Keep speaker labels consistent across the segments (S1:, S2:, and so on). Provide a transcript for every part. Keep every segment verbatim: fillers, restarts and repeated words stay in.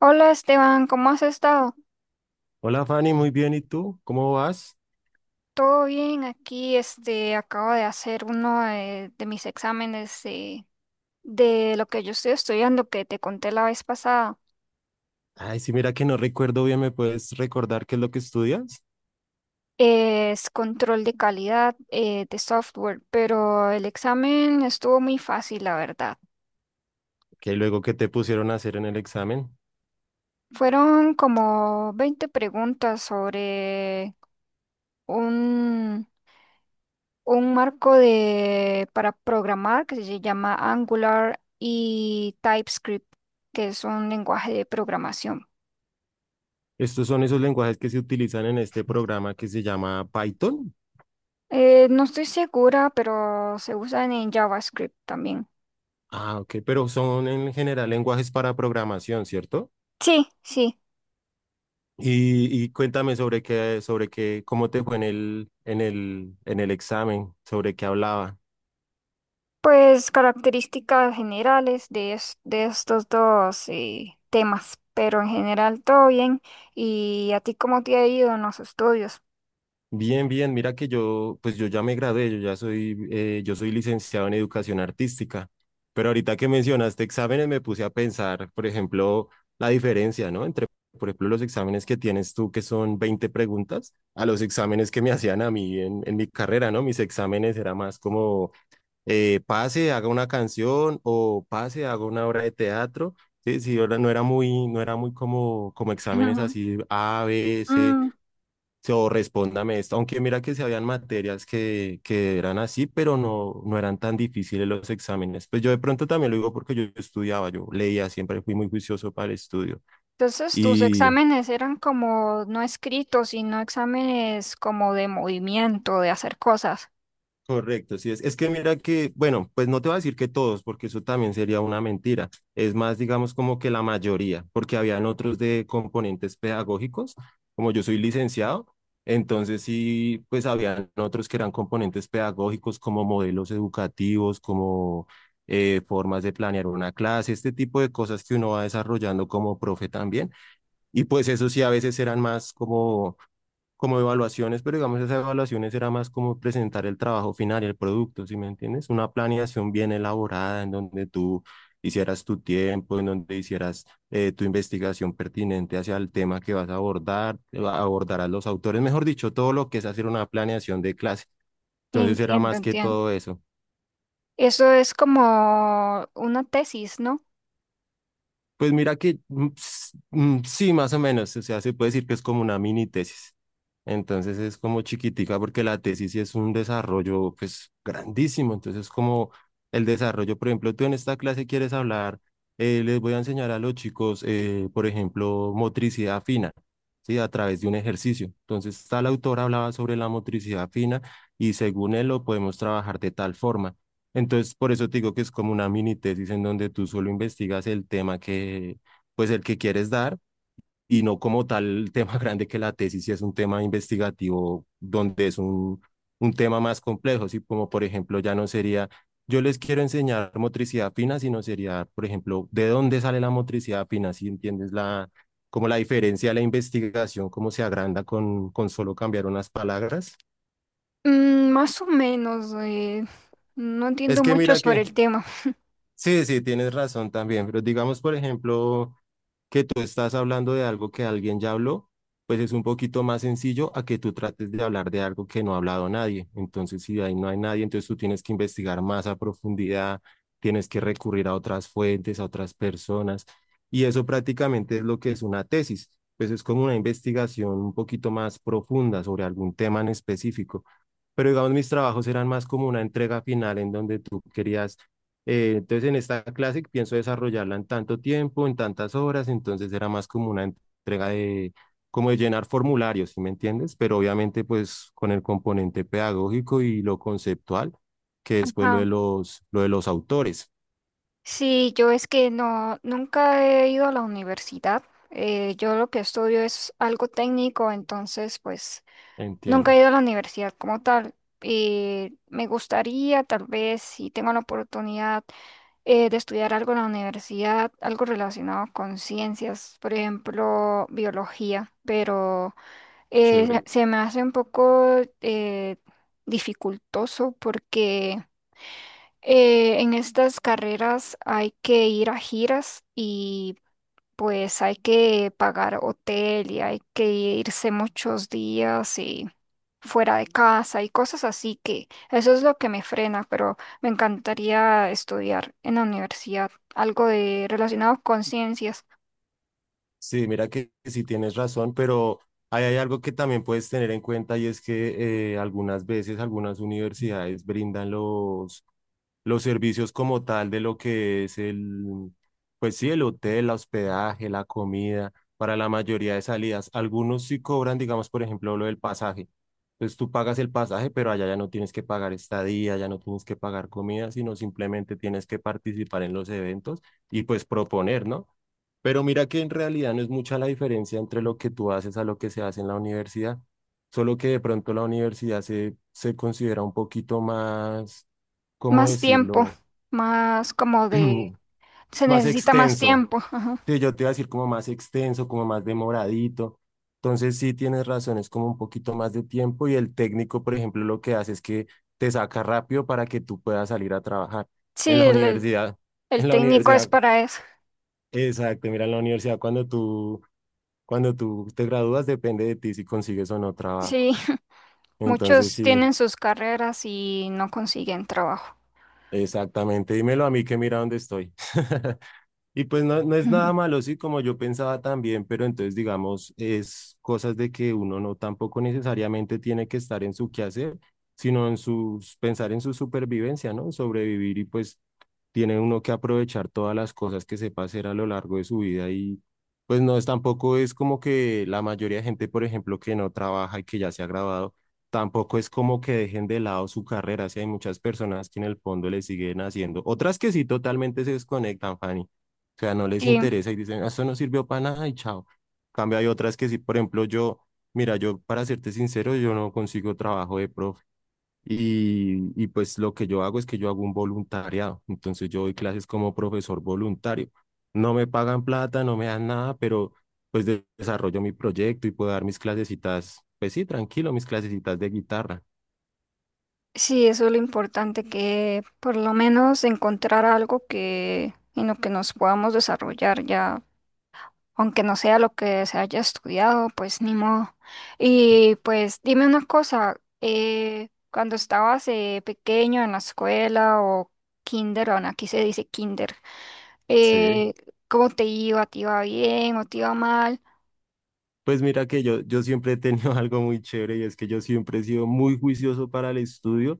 S1: Hola Esteban, ¿cómo has estado?
S2: Hola Fanny, muy bien. ¿Y tú? ¿Cómo vas?
S1: Todo bien, aquí este acabo de hacer uno de, de mis exámenes de, de lo que yo estoy estudiando que te conté la vez pasada.
S2: Ay, sí, mira que no recuerdo bien, ¿me puedes recordar qué es lo que estudias?
S1: Es control de calidad eh, de software, pero el examen estuvo muy fácil, la verdad.
S2: Que luego que te pusieron a hacer en el examen.
S1: Fueron como veinte preguntas sobre un marco de, para programar que se llama Angular y TypeScript, que es un lenguaje de programación.
S2: Estos son esos lenguajes que se utilizan en este programa que se llama Python.
S1: Eh, no estoy segura, pero se usan en JavaScript también.
S2: Ah, ok, pero son en general lenguajes para programación, ¿cierto?
S1: Sí, sí.
S2: Y, y cuéntame sobre qué, sobre qué, cómo te fue en el, en el, en el examen, sobre qué hablaba.
S1: Pues características generales de, es- de estos dos eh, temas, pero en general todo bien. ¿Y a ti cómo te ha ido en los estudios?
S2: Bien, bien, mira que yo, pues yo ya me gradué, yo ya soy, eh, yo soy licenciado en educación artística, pero ahorita que mencionaste exámenes me puse a pensar, por ejemplo, la diferencia, ¿no? Entre, por ejemplo, los exámenes que tienes tú, que son veinte preguntas, a los exámenes que me hacían a mí en, en mi carrera, ¿no? Mis exámenes era más como eh, pase, haga una canción o pase, haga una obra de teatro. Sí, sí, ahora no era muy, no era muy como, como exámenes así A B C
S1: Mm,
S2: o respóndame esto, aunque mira que se habían materias que, que eran así, pero no, no eran tan difíciles los exámenes. Pues yo de pronto también lo digo porque yo estudiaba, yo leía, siempre fui muy juicioso para el estudio.
S1: entonces, tus
S2: Y
S1: exámenes eran como no escritos, sino exámenes como de movimiento, de hacer cosas.
S2: Correcto, sí es. Es que mira que, bueno, pues no te voy a decir que todos, porque eso también sería una mentira. Es más, digamos, como que la mayoría, porque habían otros de componentes pedagógicos, como yo soy licenciado, entonces sí, pues habían otros que eran componentes pedagógicos como modelos educativos, como eh, formas de planear una clase, este tipo de cosas que uno va desarrollando como profe también. Y pues eso sí, a veces eran más como como evaluaciones, pero digamos esas evaluaciones era más como presentar el trabajo final y el producto, ¿sí me entiendes? Una planeación bien elaborada en donde tú hicieras tu tiempo, en donde hicieras eh, tu investigación pertinente hacia el tema que vas a abordar, abordarás los autores, mejor dicho, todo lo que es hacer una planeación de clase. Entonces era
S1: Entiendo,
S2: más que
S1: entiendo.
S2: todo eso.
S1: Eso es como una tesis, ¿no?
S2: Pues mira que mm, s- mm, sí, más o menos, o sea, se puede decir que es como una mini tesis. Entonces es como chiquitica porque la tesis sí es un desarrollo pues grandísimo. Entonces como el desarrollo, por ejemplo, tú en esta clase quieres hablar, eh, les voy a enseñar a los chicos, eh, por ejemplo, motricidad fina, ¿sí? A través de un ejercicio. Entonces tal autor hablaba sobre la motricidad fina y según él lo podemos trabajar de tal forma. Entonces, por eso te digo que es como una mini tesis en donde tú solo investigas el tema que, pues el que quieres dar y no como tal el tema grande que la tesis, si es un tema investigativo donde es un, un tema más complejo, si como por ejemplo ya no sería, yo les quiero enseñar motricidad fina, sino sería, por ejemplo, de dónde sale la motricidad fina, si entiendes la, como la diferencia de la investigación, cómo se agranda con, con solo cambiar unas palabras.
S1: Mm, más o menos. Eh, no
S2: Es
S1: entiendo
S2: que
S1: mucho
S2: mira
S1: sobre
S2: que
S1: el tema.
S2: Sí, sí, tienes razón también, pero digamos, por ejemplo, que tú estás hablando de algo que alguien ya habló, pues es un poquito más sencillo a que tú trates de hablar de algo que no ha hablado nadie. Entonces, si ahí no hay nadie, entonces tú tienes que investigar más a profundidad, tienes que recurrir a otras fuentes, a otras personas, y eso prácticamente es lo que es una tesis, pues es como una investigación un poquito más profunda sobre algún tema en específico. Pero digamos, mis trabajos eran más como una entrega final en donde tú querías eh, entonces en esta clase pienso desarrollarla en tanto tiempo, en tantas horas, entonces era más como una entrega de, como de llenar formularios, ¿sí me entiendes? Pero obviamente pues con el componente pedagógico y lo conceptual, que después lo
S1: Ajá.
S2: de los, lo de los autores,
S1: Sí, yo es que no, nunca he ido a la universidad. Eh, yo lo que estudio es algo técnico, entonces, pues nunca
S2: entiendo.
S1: he ido a la universidad como tal. Eh, me gustaría, tal vez, si tengo la oportunidad eh, de estudiar algo en la universidad, algo relacionado con ciencias, por ejemplo, biología, pero eh,
S2: Chévere.
S1: se se me hace un poco eh, dificultoso porque eh, en estas carreras hay que ir a giras y pues hay que pagar hotel y hay que irse muchos días y fuera de casa y cosas así que eso es lo que me frena, pero me encantaría estudiar en la universidad algo de relacionado con ciencias,
S2: Sí, mira que sí tienes razón, pero ahí hay algo que también puedes tener en cuenta y es que eh, algunas veces algunas universidades brindan los, los servicios como tal de lo que es el, pues sí, el hotel, el hospedaje, la comida, para la mayoría de salidas. Algunos sí cobran, digamos, por ejemplo, lo del pasaje. Entonces tú pagas el pasaje, pero allá ya no tienes que pagar estadía, ya no tienes que pagar comida, sino simplemente tienes que participar en los eventos y pues proponer, ¿no? Pero mira que en realidad no es mucha la diferencia entre lo que tú haces a lo que se hace en la universidad, solo que de pronto la universidad se, se considera un poquito más, ¿cómo
S1: más tiempo,
S2: decirlo?
S1: más como de se
S2: Es más
S1: necesita más
S2: extenso.
S1: tiempo. Ajá.
S2: Sí, yo te iba a decir como más extenso, como más demoradito. Entonces sí tienes razón, es como un poquito más de tiempo y el técnico, por ejemplo, lo que hace es que te saca rápido para que tú puedas salir a trabajar en
S1: Sí,
S2: la
S1: el, el
S2: universidad.
S1: el
S2: En la
S1: técnico es
S2: universidad,
S1: para eso.
S2: exacto, mira, en la universidad cuando tú Cuando tú te gradúas depende de ti si consigues o no trabajo.
S1: Sí,
S2: Entonces,
S1: muchos
S2: sí,
S1: tienen sus carreras y no consiguen trabajo.
S2: exactamente. Dímelo a mí que mira dónde estoy. Y pues no, no es nada malo, sí, como yo pensaba también, pero entonces digamos, es cosas de que uno no tampoco necesariamente tiene que estar en su quehacer, sino en sus, pensar en su supervivencia, ¿no? Sobrevivir y pues tiene uno que aprovechar todas las cosas que sepa hacer a lo largo de su vida y pues no es tampoco es como que la mayoría de gente, por ejemplo, que no trabaja y que ya se ha graduado, tampoco es como que dejen de lado su carrera, si hay muchas personas que en el fondo le siguen haciendo, otras que sí totalmente se desconectan, Fanny, o sea, no les
S1: Sí.
S2: interesa y dicen, "Ah, esto no sirvió para nada y chao. Cambio", hay otras que sí, por ejemplo, yo, mira, yo para serte sincero, yo no consigo trabajo de profe. Y, y pues lo que yo hago es que yo hago un voluntariado. Entonces yo doy clases como profesor voluntario. No me pagan plata, no me dan nada, pero pues de- desarrollo mi proyecto y puedo dar mis clasecitas, pues sí, tranquilo, mis clasecitas de guitarra.
S1: Sí, eso es lo importante, que por lo menos encontrar algo que en lo que nos podamos desarrollar ya, aunque no sea lo que se haya estudiado, pues ni modo. Y pues dime una cosa, eh, cuando estabas eh, pequeño en la escuela o kinder, bueno, aquí se dice kinder,
S2: Sí.
S1: eh, ¿cómo te iba? ¿Te iba bien o te iba mal?
S2: Pues mira que yo, yo siempre he tenido algo muy chévere y es que yo siempre he sido muy juicioso para el estudio,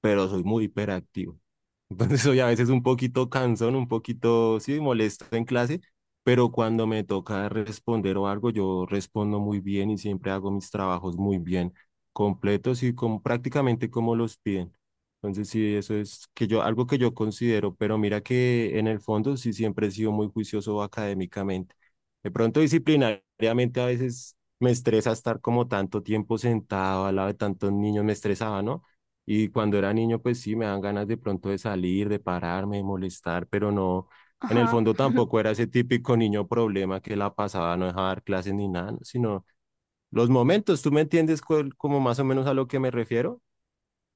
S2: pero soy muy hiperactivo. Entonces soy a veces un poquito cansón, un poquito, sí, molesto en clase, pero cuando me toca responder o algo, yo respondo muy bien y siempre hago mis trabajos muy bien, completos y con prácticamente como los piden. Entonces sí, eso es que yo, algo que yo considero, pero mira que en el fondo sí siempre he sido muy juicioso académicamente. De pronto disciplinariamente a veces me estresa estar como tanto tiempo sentado al lado de tantos niños, me estresaba, ¿no? Y cuando era niño, pues sí, me dan ganas de pronto de salir, de pararme, de molestar, pero no, en el fondo tampoco era ese típico niño problema que la pasaba, no dejaba dar clases ni nada, sino los momentos, ¿tú me entiendes cuál- como más o menos a lo que me refiero?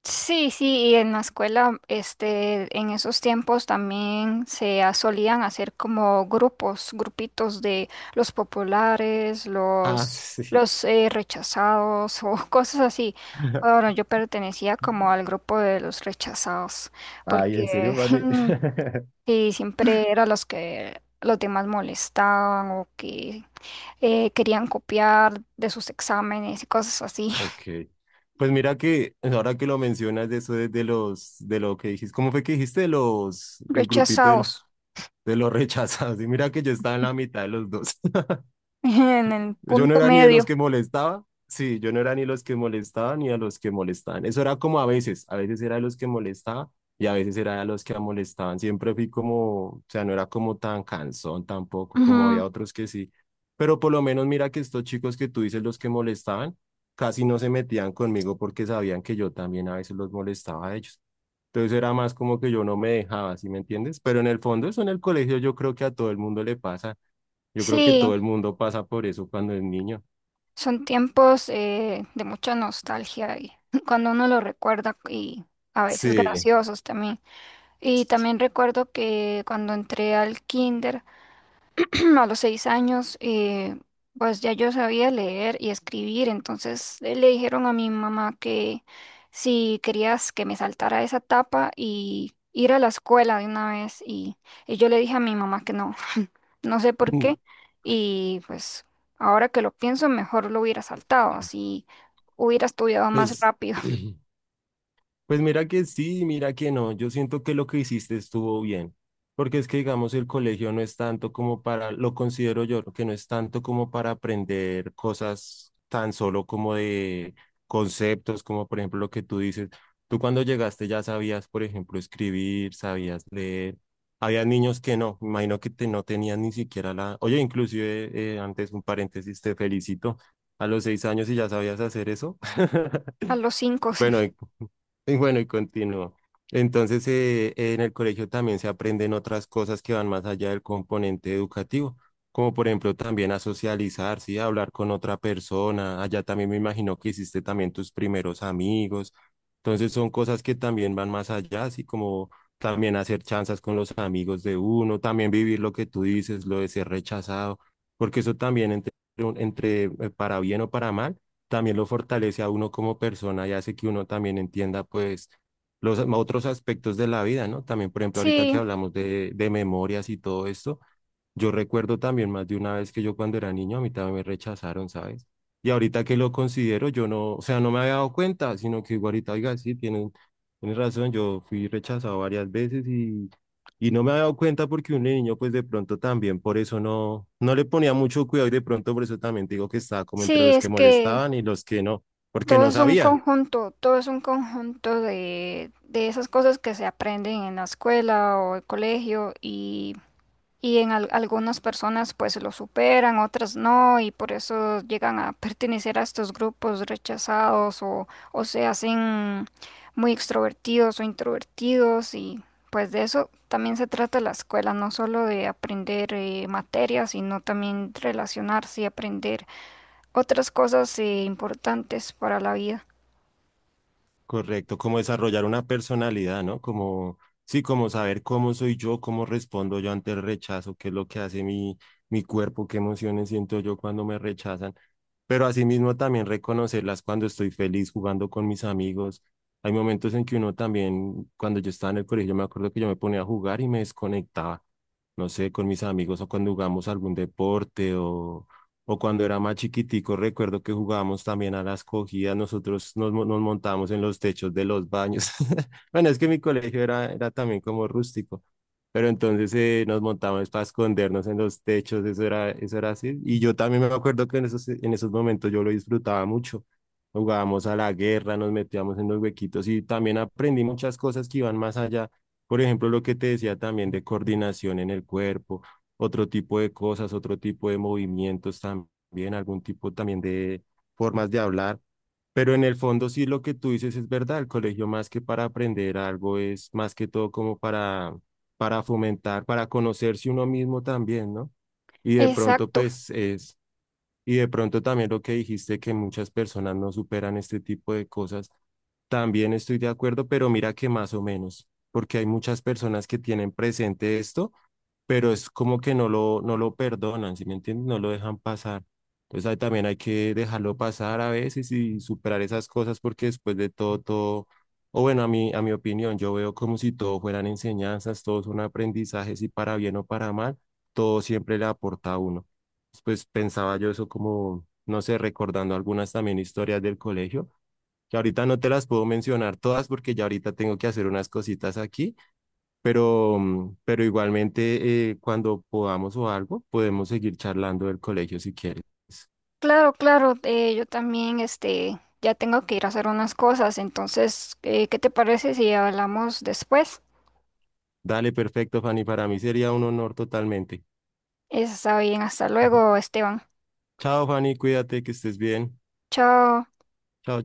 S1: Sí, sí, y en la escuela, este, en esos tiempos también se ha- solían hacer como grupos, grupitos de los populares,
S2: Ah,
S1: los,
S2: sí.
S1: los eh, rechazados o cosas así. Bueno, yo pertenecía como al grupo de los rechazados,
S2: Ay, ¿en serio,
S1: porque
S2: Fanny?
S1: sí, siempre eran los que los demás molestaban o que eh, querían copiar de sus exámenes y cosas así.
S2: Ok. Pues mira que pues ahora que lo mencionas de eso de, de los de lo que dijiste, ¿cómo fue que dijiste de los del grupito del-
S1: Rechazados.
S2: de los rechazados? Y mira que yo estaba en la mitad de los dos.
S1: En el
S2: Yo no
S1: punto
S2: era ni de los
S1: medio.
S2: que molestaba. Sí, yo no era ni los que molestaban ni a los que molestaban. Eso era como a veces, a veces era de los que molestaba y a veces era de los que molestaban. Siempre fui como, o sea, no era como tan cansón tampoco, como había
S1: Ujú.
S2: otros que sí. Pero por lo menos mira que estos chicos que tú dices los que molestaban, casi no se metían conmigo porque sabían que yo también a veces los molestaba a ellos. Entonces era más como que yo no me dejaba, ¿sí me entiendes? Pero en el fondo eso en el colegio yo creo que a todo el mundo le pasa. Yo creo que
S1: Sí,
S2: todo el mundo pasa por eso cuando es niño.
S1: son tiempos eh, de mucha nostalgia y cuando uno lo recuerda y a veces
S2: Sí.
S1: graciosos también. Y también recuerdo que cuando entré al kinder, a los seis años, eh, pues ya yo sabía leer y escribir, entonces eh, le dijeron a mi mamá que si querías que me saltara esa etapa y ir a la escuela de una vez, y, y yo le dije a mi mamá que no, no sé por qué, y pues ahora que lo pienso, mejor lo hubiera saltado, así hubiera estudiado más
S2: Pues
S1: rápido,
S2: pues mira que sí, mira que no. Yo siento que lo que hiciste estuvo bien, porque es que digamos el colegio no es tanto como para, lo considero yo, que no es tanto como para aprender cosas tan solo como de conceptos, como por ejemplo lo que tú dices. Tú cuando llegaste ya sabías, por ejemplo, escribir, sabías leer. Había niños que no, me imagino que te, no tenían ni siquiera la... Oye, inclusive eh, antes un paréntesis, te felicito. A los seis años y ya sabías hacer eso.
S1: a los cinco, sí.
S2: Bueno, y bueno, y continúo. Entonces, eh, en el colegio también se aprenden otras cosas que van más allá del componente educativo, como por ejemplo también a socializar, ¿sí? A hablar con otra persona. Allá también me imagino que hiciste también tus primeros amigos. Entonces, son cosas que también van más allá, así como también hacer chanzas con los amigos de uno, también vivir lo que tú dices, lo de ser rechazado, porque eso también entre, un- entre eh, para bien o para mal también lo fortalece a uno como persona y hace que uno también entienda pues los otros aspectos de la vida, ¿no? También, por ejemplo, ahorita que
S1: Sí,
S2: hablamos de, de memorias y todo esto, yo recuerdo también más de una vez que yo cuando era niño a mí también me rechazaron, ¿sabes? Y ahorita que lo considero, yo no, o sea, no me había dado cuenta, sino que digo ahorita, oiga, sí, tienen, tienen razón, yo fui rechazado varias veces y, y no me había dado cuenta porque un niño, pues de pronto también, por eso no, no le ponía mucho cuidado y de pronto por eso también te digo que estaba como entre
S1: sí,
S2: los
S1: es
S2: que
S1: que
S2: molestaban y los que no, porque
S1: todo
S2: no
S1: es un
S2: sabía.
S1: conjunto, todo es un conjunto de, de esas cosas que se aprenden en la escuela o el colegio y, y en al- algunas personas pues lo superan, otras no y por eso llegan a pertenecer a estos grupos rechazados o, o se hacen muy extrovertidos o introvertidos y pues de eso también se trata la escuela, no solo de aprender eh, materias, sino también relacionarse y aprender otras cosas eh, importantes para la vida.
S2: Correcto, como desarrollar una personalidad, ¿no? Como, sí, como saber cómo soy yo, cómo respondo yo ante el rechazo, qué es lo que hace mi, mi cuerpo, qué emociones siento yo cuando me rechazan. Pero asimismo también reconocerlas cuando estoy feliz jugando con mis amigos. Hay momentos en que uno también, cuando yo estaba en el colegio, me acuerdo que yo me ponía a jugar y me desconectaba, no sé, con mis amigos o cuando jugamos algún deporte o o cuando era más chiquitico, recuerdo que jugábamos también a las cogidas, nosotros nos, mo- nos montábamos en los techos de los baños. Bueno, es que mi colegio era, era también como rústico, pero entonces eh, nos montábamos para escondernos en los techos, eso era, eso era así. Y yo también me acuerdo que en esos, en esos momentos yo lo disfrutaba mucho. Jugábamos a la guerra, nos metíamos en los huequitos y también aprendí muchas cosas que iban más allá. Por ejemplo, lo que te decía también de coordinación en el cuerpo, otro tipo de cosas, otro tipo de movimientos también, algún tipo también de formas de hablar. Pero en el fondo sí lo que tú dices es verdad, el colegio más que para aprender algo es más que todo como para, para fomentar, para conocerse uno mismo también, ¿no? Y de pronto
S1: Exacto.
S2: pues es, y de pronto también lo que dijiste que muchas personas no superan este tipo de cosas, también estoy de acuerdo, pero mira que más o menos, porque hay muchas personas que tienen presente esto, pero es como que no lo, no lo perdonan, ¿sí me entiendes? No lo dejan pasar. Entonces ahí también hay que dejarlo pasar a veces y superar esas cosas porque después de todo, todo, o bueno, a mí, a mi opinión, yo veo como si todo fueran enseñanzas, todos son aprendizajes y para bien o para mal, todo siempre le aporta a uno. Pues pensaba yo eso como, no sé, recordando algunas también historias del colegio, que ahorita no te las puedo mencionar todas porque ya ahorita tengo que hacer unas cositas aquí pero, mm, pero igualmente, eh, cuando podamos o algo, podemos seguir charlando del colegio si quieres.
S1: Claro, claro. Eh, yo también, este, ya tengo que ir a hacer unas cosas. Entonces, eh, ¿qué te parece si hablamos después?
S2: Dale, perfecto, Fanny. Para mí sería un honor totalmente.
S1: Está bien, hasta luego, Esteban.
S2: Chao, Fanny. Cuídate, que estés bien.
S1: Chao.
S2: Chao.